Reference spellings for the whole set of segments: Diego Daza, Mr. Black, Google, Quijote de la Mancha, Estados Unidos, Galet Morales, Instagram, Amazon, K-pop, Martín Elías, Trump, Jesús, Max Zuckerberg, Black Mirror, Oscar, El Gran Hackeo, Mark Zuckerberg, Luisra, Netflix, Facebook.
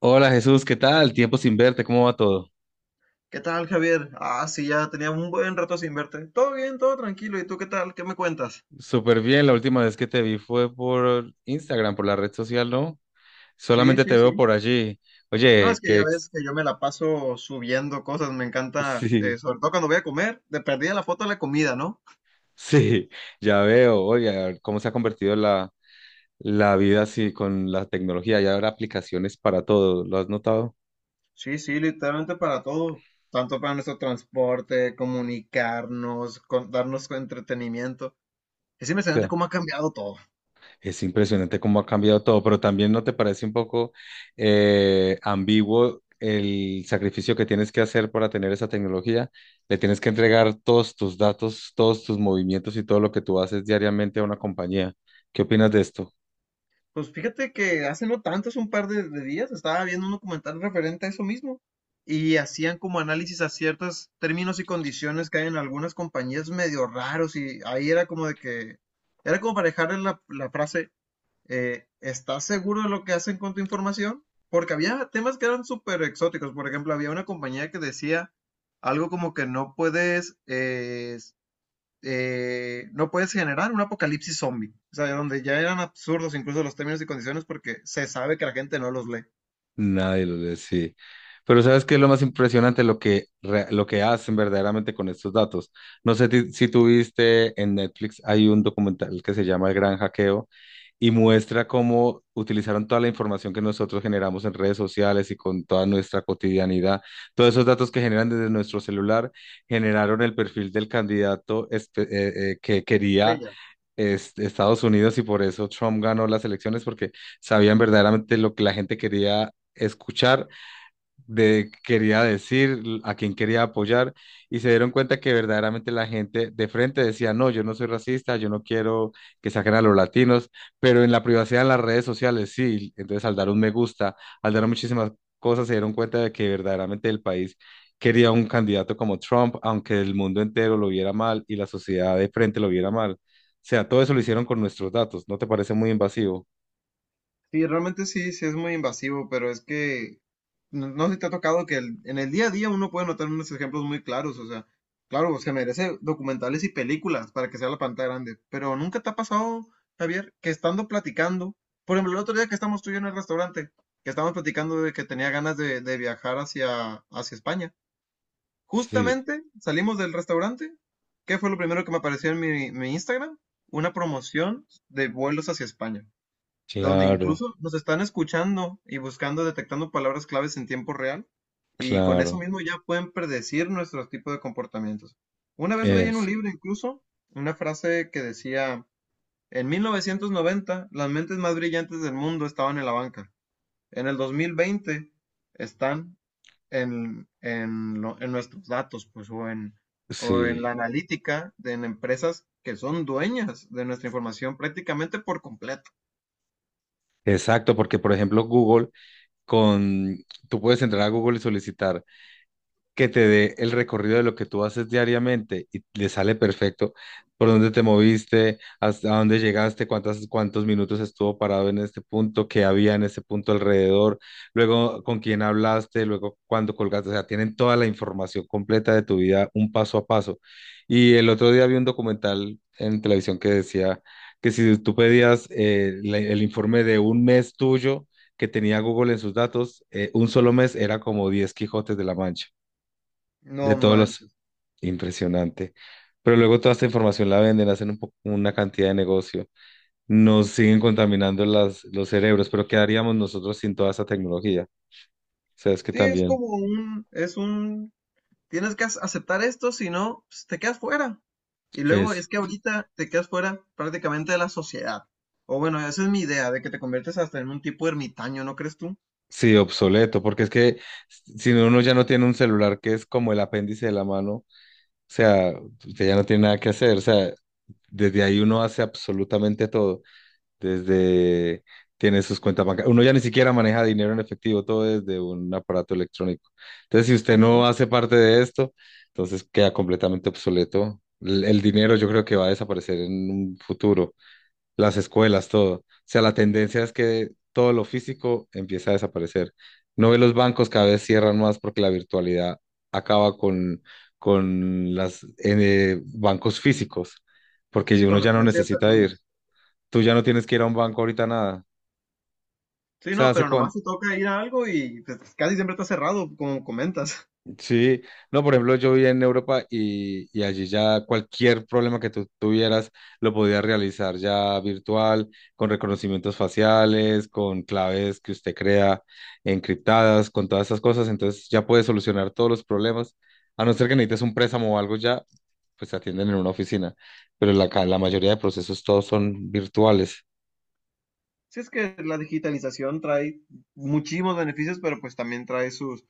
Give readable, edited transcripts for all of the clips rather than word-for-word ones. Hola Jesús, ¿qué tal? Tiempo sin verte, ¿cómo va todo? ¿Qué tal, Javier? Ah, sí, ya tenía un buen rato sin verte. Todo bien, todo tranquilo. ¿Y tú qué tal? ¿Qué me cuentas? Súper bien, la última vez que te vi fue por Instagram, por la red social, ¿no? Sí, Solamente sí, te veo sí. por allí. No, es Oye, que ya ¿qué? ves que yo me la paso subiendo cosas, me encanta, sí, sobre todo cuando voy a comer, de perdida la foto de la comida, ¿no? sí, ya veo. Oye, cómo se ha convertido la vida así con la tecnología. Ya habrá aplicaciones para todo, ¿lo has notado? Sí, sí, literalmente para todo, tanto para nuestro transporte, comunicarnos, darnos entretenimiento. Es impresionante cómo ha cambiado todo. Es impresionante cómo ha cambiado todo, pero también ¿no te parece un poco ambiguo el sacrificio que tienes que hacer para tener esa tecnología? Le tienes que entregar todos tus datos, todos tus movimientos y todo lo que tú haces diariamente a una compañía. ¿Qué opinas de esto? Pues fíjate que hace no tanto, hace un par de días, estaba viendo un documental referente a eso mismo y hacían como análisis a ciertos términos y condiciones que hay en algunas compañías medio raros y ahí era como de que, era como para dejarle la frase, ¿estás seguro de lo que hacen con tu información? Porque había temas que eran súper exóticos, por ejemplo, había una compañía que decía algo como que no puedes, no puedes generar un apocalipsis zombie, o sea, donde ya eran absurdos incluso los términos y condiciones porque se sabe que la gente no los lee. Nadie lo lee, sí. Pero ¿sabes qué es lo más impresionante? Lo que hacen verdaderamente con estos datos. Si tú viste en Netflix, hay un documental que se llama El Gran Hackeo y muestra cómo utilizaron toda la información que nosotros generamos en redes sociales y con toda nuestra cotidianidad. Todos esos datos que generan desde nuestro celular generaron el perfil del que quería Estrella. Estados Unidos, y por eso Trump ganó las elecciones porque sabían verdaderamente lo que la gente quería escuchar, de qué quería decir, a quién quería apoyar, y se dieron cuenta que verdaderamente la gente de frente decía: no, yo no soy racista, yo no quiero que saquen a los latinos, pero en la privacidad en las redes sociales sí. Entonces al dar un me gusta, al dar muchísimas cosas, se dieron cuenta de que verdaderamente el país quería un candidato como Trump, aunque el mundo entero lo viera mal y la sociedad de frente lo viera mal. O sea, todo eso lo hicieron con nuestros datos, ¿no te parece muy invasivo? Sí, realmente sí, sí es muy invasivo, pero es que no, no sé si te ha tocado que en el día a día uno puede notar unos ejemplos muy claros, o sea, claro, pues se merece documentales y películas para que sea la pantalla grande, pero nunca te ha pasado, Javier, que estando platicando, por ejemplo, el otro día que estamos tú y yo en el restaurante, que estábamos platicando de que tenía ganas de viajar hacia, hacia España. Sí, Justamente salimos del restaurante. ¿Qué fue lo primero que me apareció en mi Instagram? Una promoción de vuelos hacia España, donde claro, incluso nos están escuchando y buscando, detectando palabras claves en tiempo real. Y con eso claro, mismo ya pueden predecir nuestro tipo de comportamientos. Una vez leí en un es, libro incluso una frase que decía, en 1990 las mentes más brillantes del mundo estaban en la banca. En el 2020 están en nuestros datos, pues, o en la sí. analítica de en empresas que son dueñas de nuestra información prácticamente por completo. Exacto, porque por ejemplo Google, con, tú puedes entrar a Google y solicitar que te dé el recorrido de lo que tú haces diariamente y le sale perfecto por dónde te moviste, hasta dónde llegaste, cuántos minutos estuvo parado en este punto, qué había en ese punto alrededor, luego con quién hablaste, luego cuándo colgaste. O sea, tienen toda la información completa de tu vida, un paso a paso. Y el otro día vi un documental en televisión que decía que si tú pedías el informe de un mes tuyo, que tenía Google en sus datos, un solo mes era como 10 Quijotes de la Mancha. De No todos los... manches. Impresionante. Pero luego toda esta información la venden, una cantidad de negocio, nos siguen contaminando los cerebros, pero ¿qué haríamos nosotros sin toda esa tecnología? O sea, es que Sí, es también como es un, tienes que aceptar esto, si no, pues, te quedas fuera. Y luego es, es que ahorita te quedas fuera prácticamente de la sociedad. O bueno, esa es mi idea, de que te conviertes hasta en un tipo ermitaño, ¿no crees tú? sí, obsoleto, porque es que si no, uno ya no tiene un celular que es como el apéndice de la mano, o sea, usted ya no tiene nada que hacer, o sea, desde ahí uno hace absolutamente todo. Desde, tiene sus cuentas bancarias. Uno ya ni siquiera maneja dinero en efectivo, todo desde un aparato electrónico. Entonces, si usted Sí, no sí. hace parte de esto, entonces queda completamente obsoleto. El dinero yo creo que va a desaparecer en un futuro, las escuelas, todo. O sea, la tendencia es que todo lo físico empieza a desaparecer. No ve los bancos cada vez cierran más porque la virtualidad acaba con los bancos físicos, Sí, porque sí, uno con la ya no influencia de necesita ir. personas. Tú ya no tienes que ir a un banco ahorita nada. O Sí, sea, no, hace pero nomás cuánto. te toca ir a algo y casi siempre está cerrado, como comentas. Sí, no, por ejemplo, yo vivía en Europa y allí ya cualquier problema que tú tuvieras lo podías realizar ya virtual, con reconocimientos faciales, con claves que usted crea encriptadas, con todas esas cosas. Entonces ya puedes solucionar todos los problemas. A no ser que necesites un préstamo o algo ya, pues se atienden en una oficina. Pero la mayoría de procesos todos son virtuales. Sí, es que la digitalización trae muchísimos beneficios, pero pues también trae sus,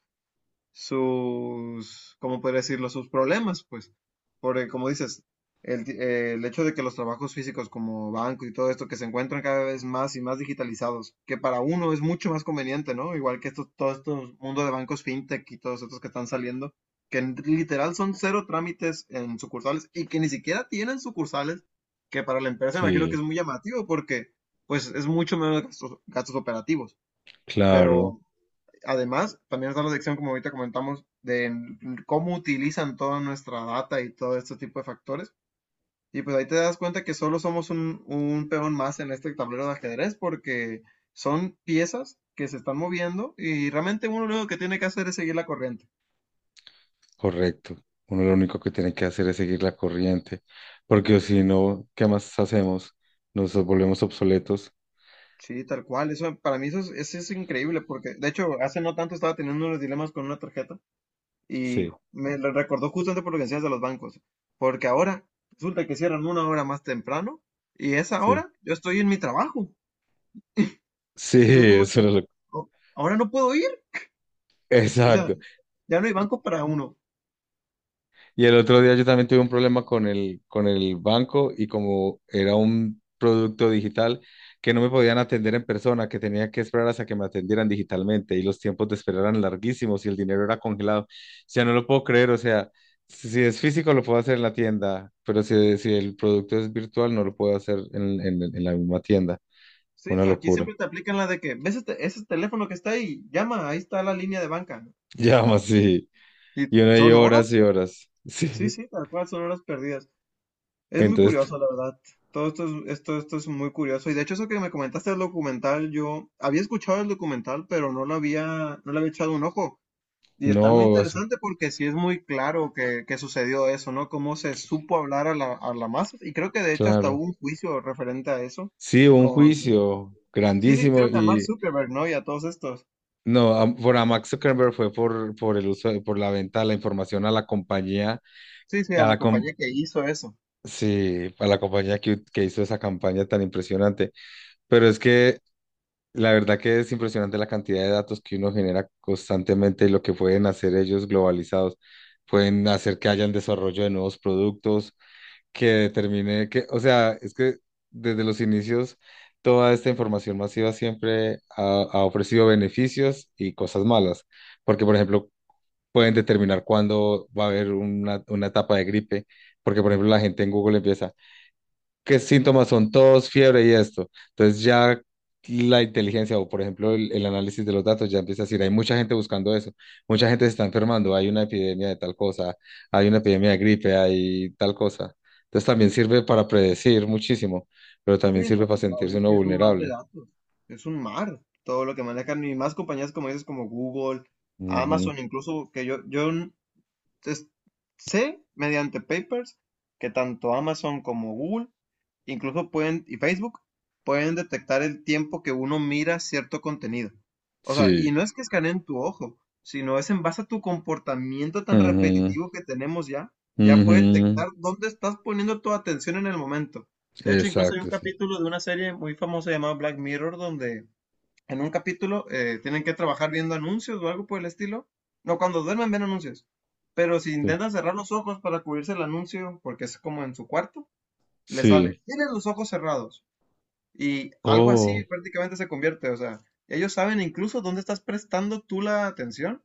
sus, ¿cómo podría decirlo? Sus problemas, pues. Porque, como dices, el hecho de que los trabajos físicos como banco y todo esto que se encuentran cada vez más y más digitalizados, que para uno es mucho más conveniente, ¿no? Igual que estos, todo estos mundo de bancos fintech y todos estos que están saliendo, que literal son cero trámites en sucursales y que ni siquiera tienen sucursales, que para la empresa imagino que Sí, es muy llamativo porque pues es mucho menos gastos, gastos operativos. claro. Pero además, también está la sección, como ahorita comentamos, de cómo utilizan toda nuestra data y todo este tipo de factores. Y pues ahí te das cuenta que solo somos un peón más en este tablero de ajedrez porque son piezas que se están moviendo y realmente uno lo que tiene que hacer es seguir la corriente. Correcto. Uno lo único que tiene que hacer es seguir la corriente, porque si no, ¿qué más hacemos? Nos volvemos obsoletos. Sí, tal cual. Eso para mí eso es increíble porque de hecho hace no tanto estaba teniendo unos dilemas con una tarjeta. Y Sí, me lo recordó justamente por lo que decías de los bancos, porque ahora resulta que cierran una hora más temprano y esa sí. hora yo estoy en mi trabajo. Sí, Entonces, como que, eso es lo- "Oh, ahora no puedo ir, o sea, Exacto. ya no hay banco para uno". Y el otro día yo también tuve un problema con el banco, y como era un producto digital que no me podían atender en persona, que tenía que esperar hasta que me atendieran digitalmente y los tiempos de esperar eran larguísimos y el dinero era congelado. O sea, no lo puedo creer, o sea, si es físico lo puedo hacer en la tienda, pero si el producto es virtual no lo puedo hacer en la misma tienda. Sí, Una no, aquí locura. siempre te aplican la de que ves este, ese teléfono que está ahí, llama, ahí está la línea de banca. Llama, sí. Y Y uno hay son horas y horas, horas. sí, Sí. sí, tal cual, son horas perdidas. Es muy Entonces, curioso, la verdad. Todo esto esto es muy curioso. Y de hecho, eso que me comentaste del documental, yo había escuchado el documental, pero no le había echado un ojo. Y está muy no, o sea, interesante porque sí es muy claro que sucedió eso, ¿no? Cómo se supo hablar a a la masa. Y creo que de hecho hasta claro. hubo un juicio referente a eso. Sí, un Con, juicio sí, sí, grandísimo creo que a Mark y Zuckerberg, ¿no? Y a todos estos. no, por a Max Zuckerberg fue por el uso, por la venta de la información a la compañía, Sí, sí, a a la la com- compañía que hizo eso. sí, a la compañía que hizo esa campaña tan impresionante. Pero es que la verdad que es impresionante la cantidad de datos que uno genera constantemente y lo que pueden hacer ellos globalizados. Pueden hacer que hayan desarrollo de nuevos productos, que determine que, o sea, es que desde los inicios toda esta información masiva siempre ha, ha ofrecido beneficios y cosas malas, porque por ejemplo pueden determinar cuándo va a haber una etapa de gripe, porque por ejemplo la gente en Google empieza, qué síntomas son tos, fiebre y esto. Entonces ya la inteligencia o, por ejemplo, el análisis de los datos ya empieza a decir, hay mucha gente buscando eso, mucha gente se está enfermando, hay una epidemia de tal cosa, hay una epidemia de gripe, hay tal cosa. Entonces también sirve para predecir muchísimo, pero Sí, también no sirve para sé, claro, sentirse es uno que es un mar de vulnerable. datos, es un mar, todo lo que manejan y más compañías como dices, como Google, Ujú. Amazon, incluso que es- sé mediante papers que tanto Amazon como Google incluso pueden, y Facebook, pueden detectar el tiempo que uno mira cierto contenido. O sea, y Sí, no es que escaneen tu ojo, sino es en base a tu comportamiento tan ujú, repetitivo que tenemos ya puede ujú. detectar dónde estás poniendo tu atención en el momento. De hecho, incluso hay un Exacto, sí. capítulo de una serie muy famosa llamada Black Mirror, donde en un capítulo tienen que trabajar viendo anuncios o algo por el estilo. No, cuando duermen ven anuncios. Pero si Sí. intentan cerrar los ojos para cubrirse el anuncio, porque es como en su cuarto, le Sí. sale, tienes los ojos cerrados. Y algo así Oh. prácticamente se convierte, o sea, ellos saben incluso dónde estás prestando tú la atención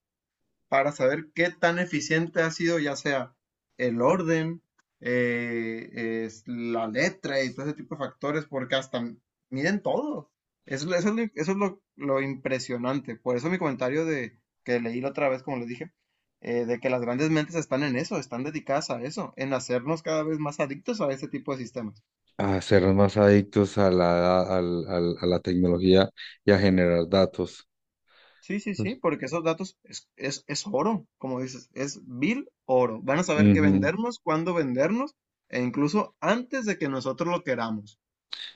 para saber qué tan eficiente ha sido ya sea el orden, es la letra y todo ese tipo de factores, porque hasta miden todo. Eso es lo impresionante. Por eso mi comentario de que leí la otra vez, como les dije, de que las grandes mentes están en eso, están dedicadas a eso, en hacernos cada vez más adictos a ese tipo de sistemas. A ser más adictos a a la tecnología y a generar datos. Sí, sí, sí, porque esos datos es oro, como dices, es vil oro. Van a saber qué Ujú. vendernos, cuándo vendernos, e incluso antes de que nosotros lo queramos.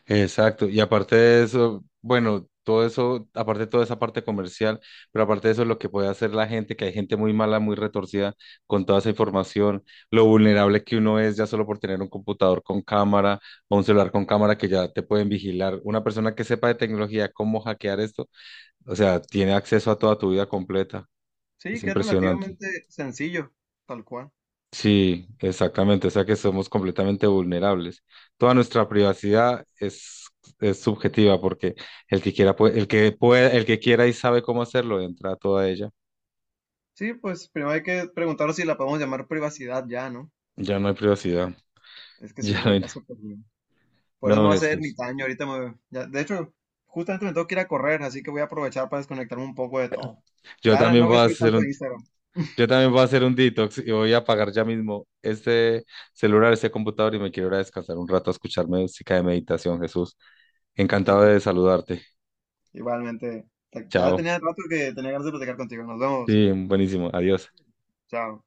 Exacto. Y aparte de eso, bueno, todo eso, aparte de toda esa parte comercial, pero aparte de eso, lo que puede hacer la gente, que hay gente muy mala, muy retorcida con toda esa información, lo vulnerable que uno es ya solo por tener un computador con cámara o un celular con cámara que ya te pueden vigilar. Una persona que sepa de tecnología, cómo hackear esto, o sea, tiene acceso a toda tu vida completa. Sí, Es que es impresionante. relativamente sencillo, tal cual. Sí, exactamente, o sea que somos completamente vulnerables. Toda nuestra privacidad es subjetiva porque el que quiera puede, el que quiera y sabe cómo hacerlo, entra a toda ella. Sí, pues primero hay que preguntaros si la podemos llamar privacidad ya, ¿no? Ya no hay privacidad. Es que sí, Ya no eso hay ya na- se perdió. Por eso me No, va a hacer Jesús. ermitaño, ahorita me... ya- de hecho, justamente me tengo que ir a correr, así que voy a aprovechar para desconectarme un poco de todo. Yo Ya también no voy voy a a subir hacer tanto a un, Instagram. yo también voy a hacer un detox y voy a apagar ya mismo este celular, este computador y me quiero ir a descansar un rato a escuchar música de meditación, Jesús. Eh, Encantado de saludarte. Igualmente, ya Chao. tenía rato que tenía ganas de platicar contigo. Nos vemos. Sí, buenísimo. Adiós. Chao.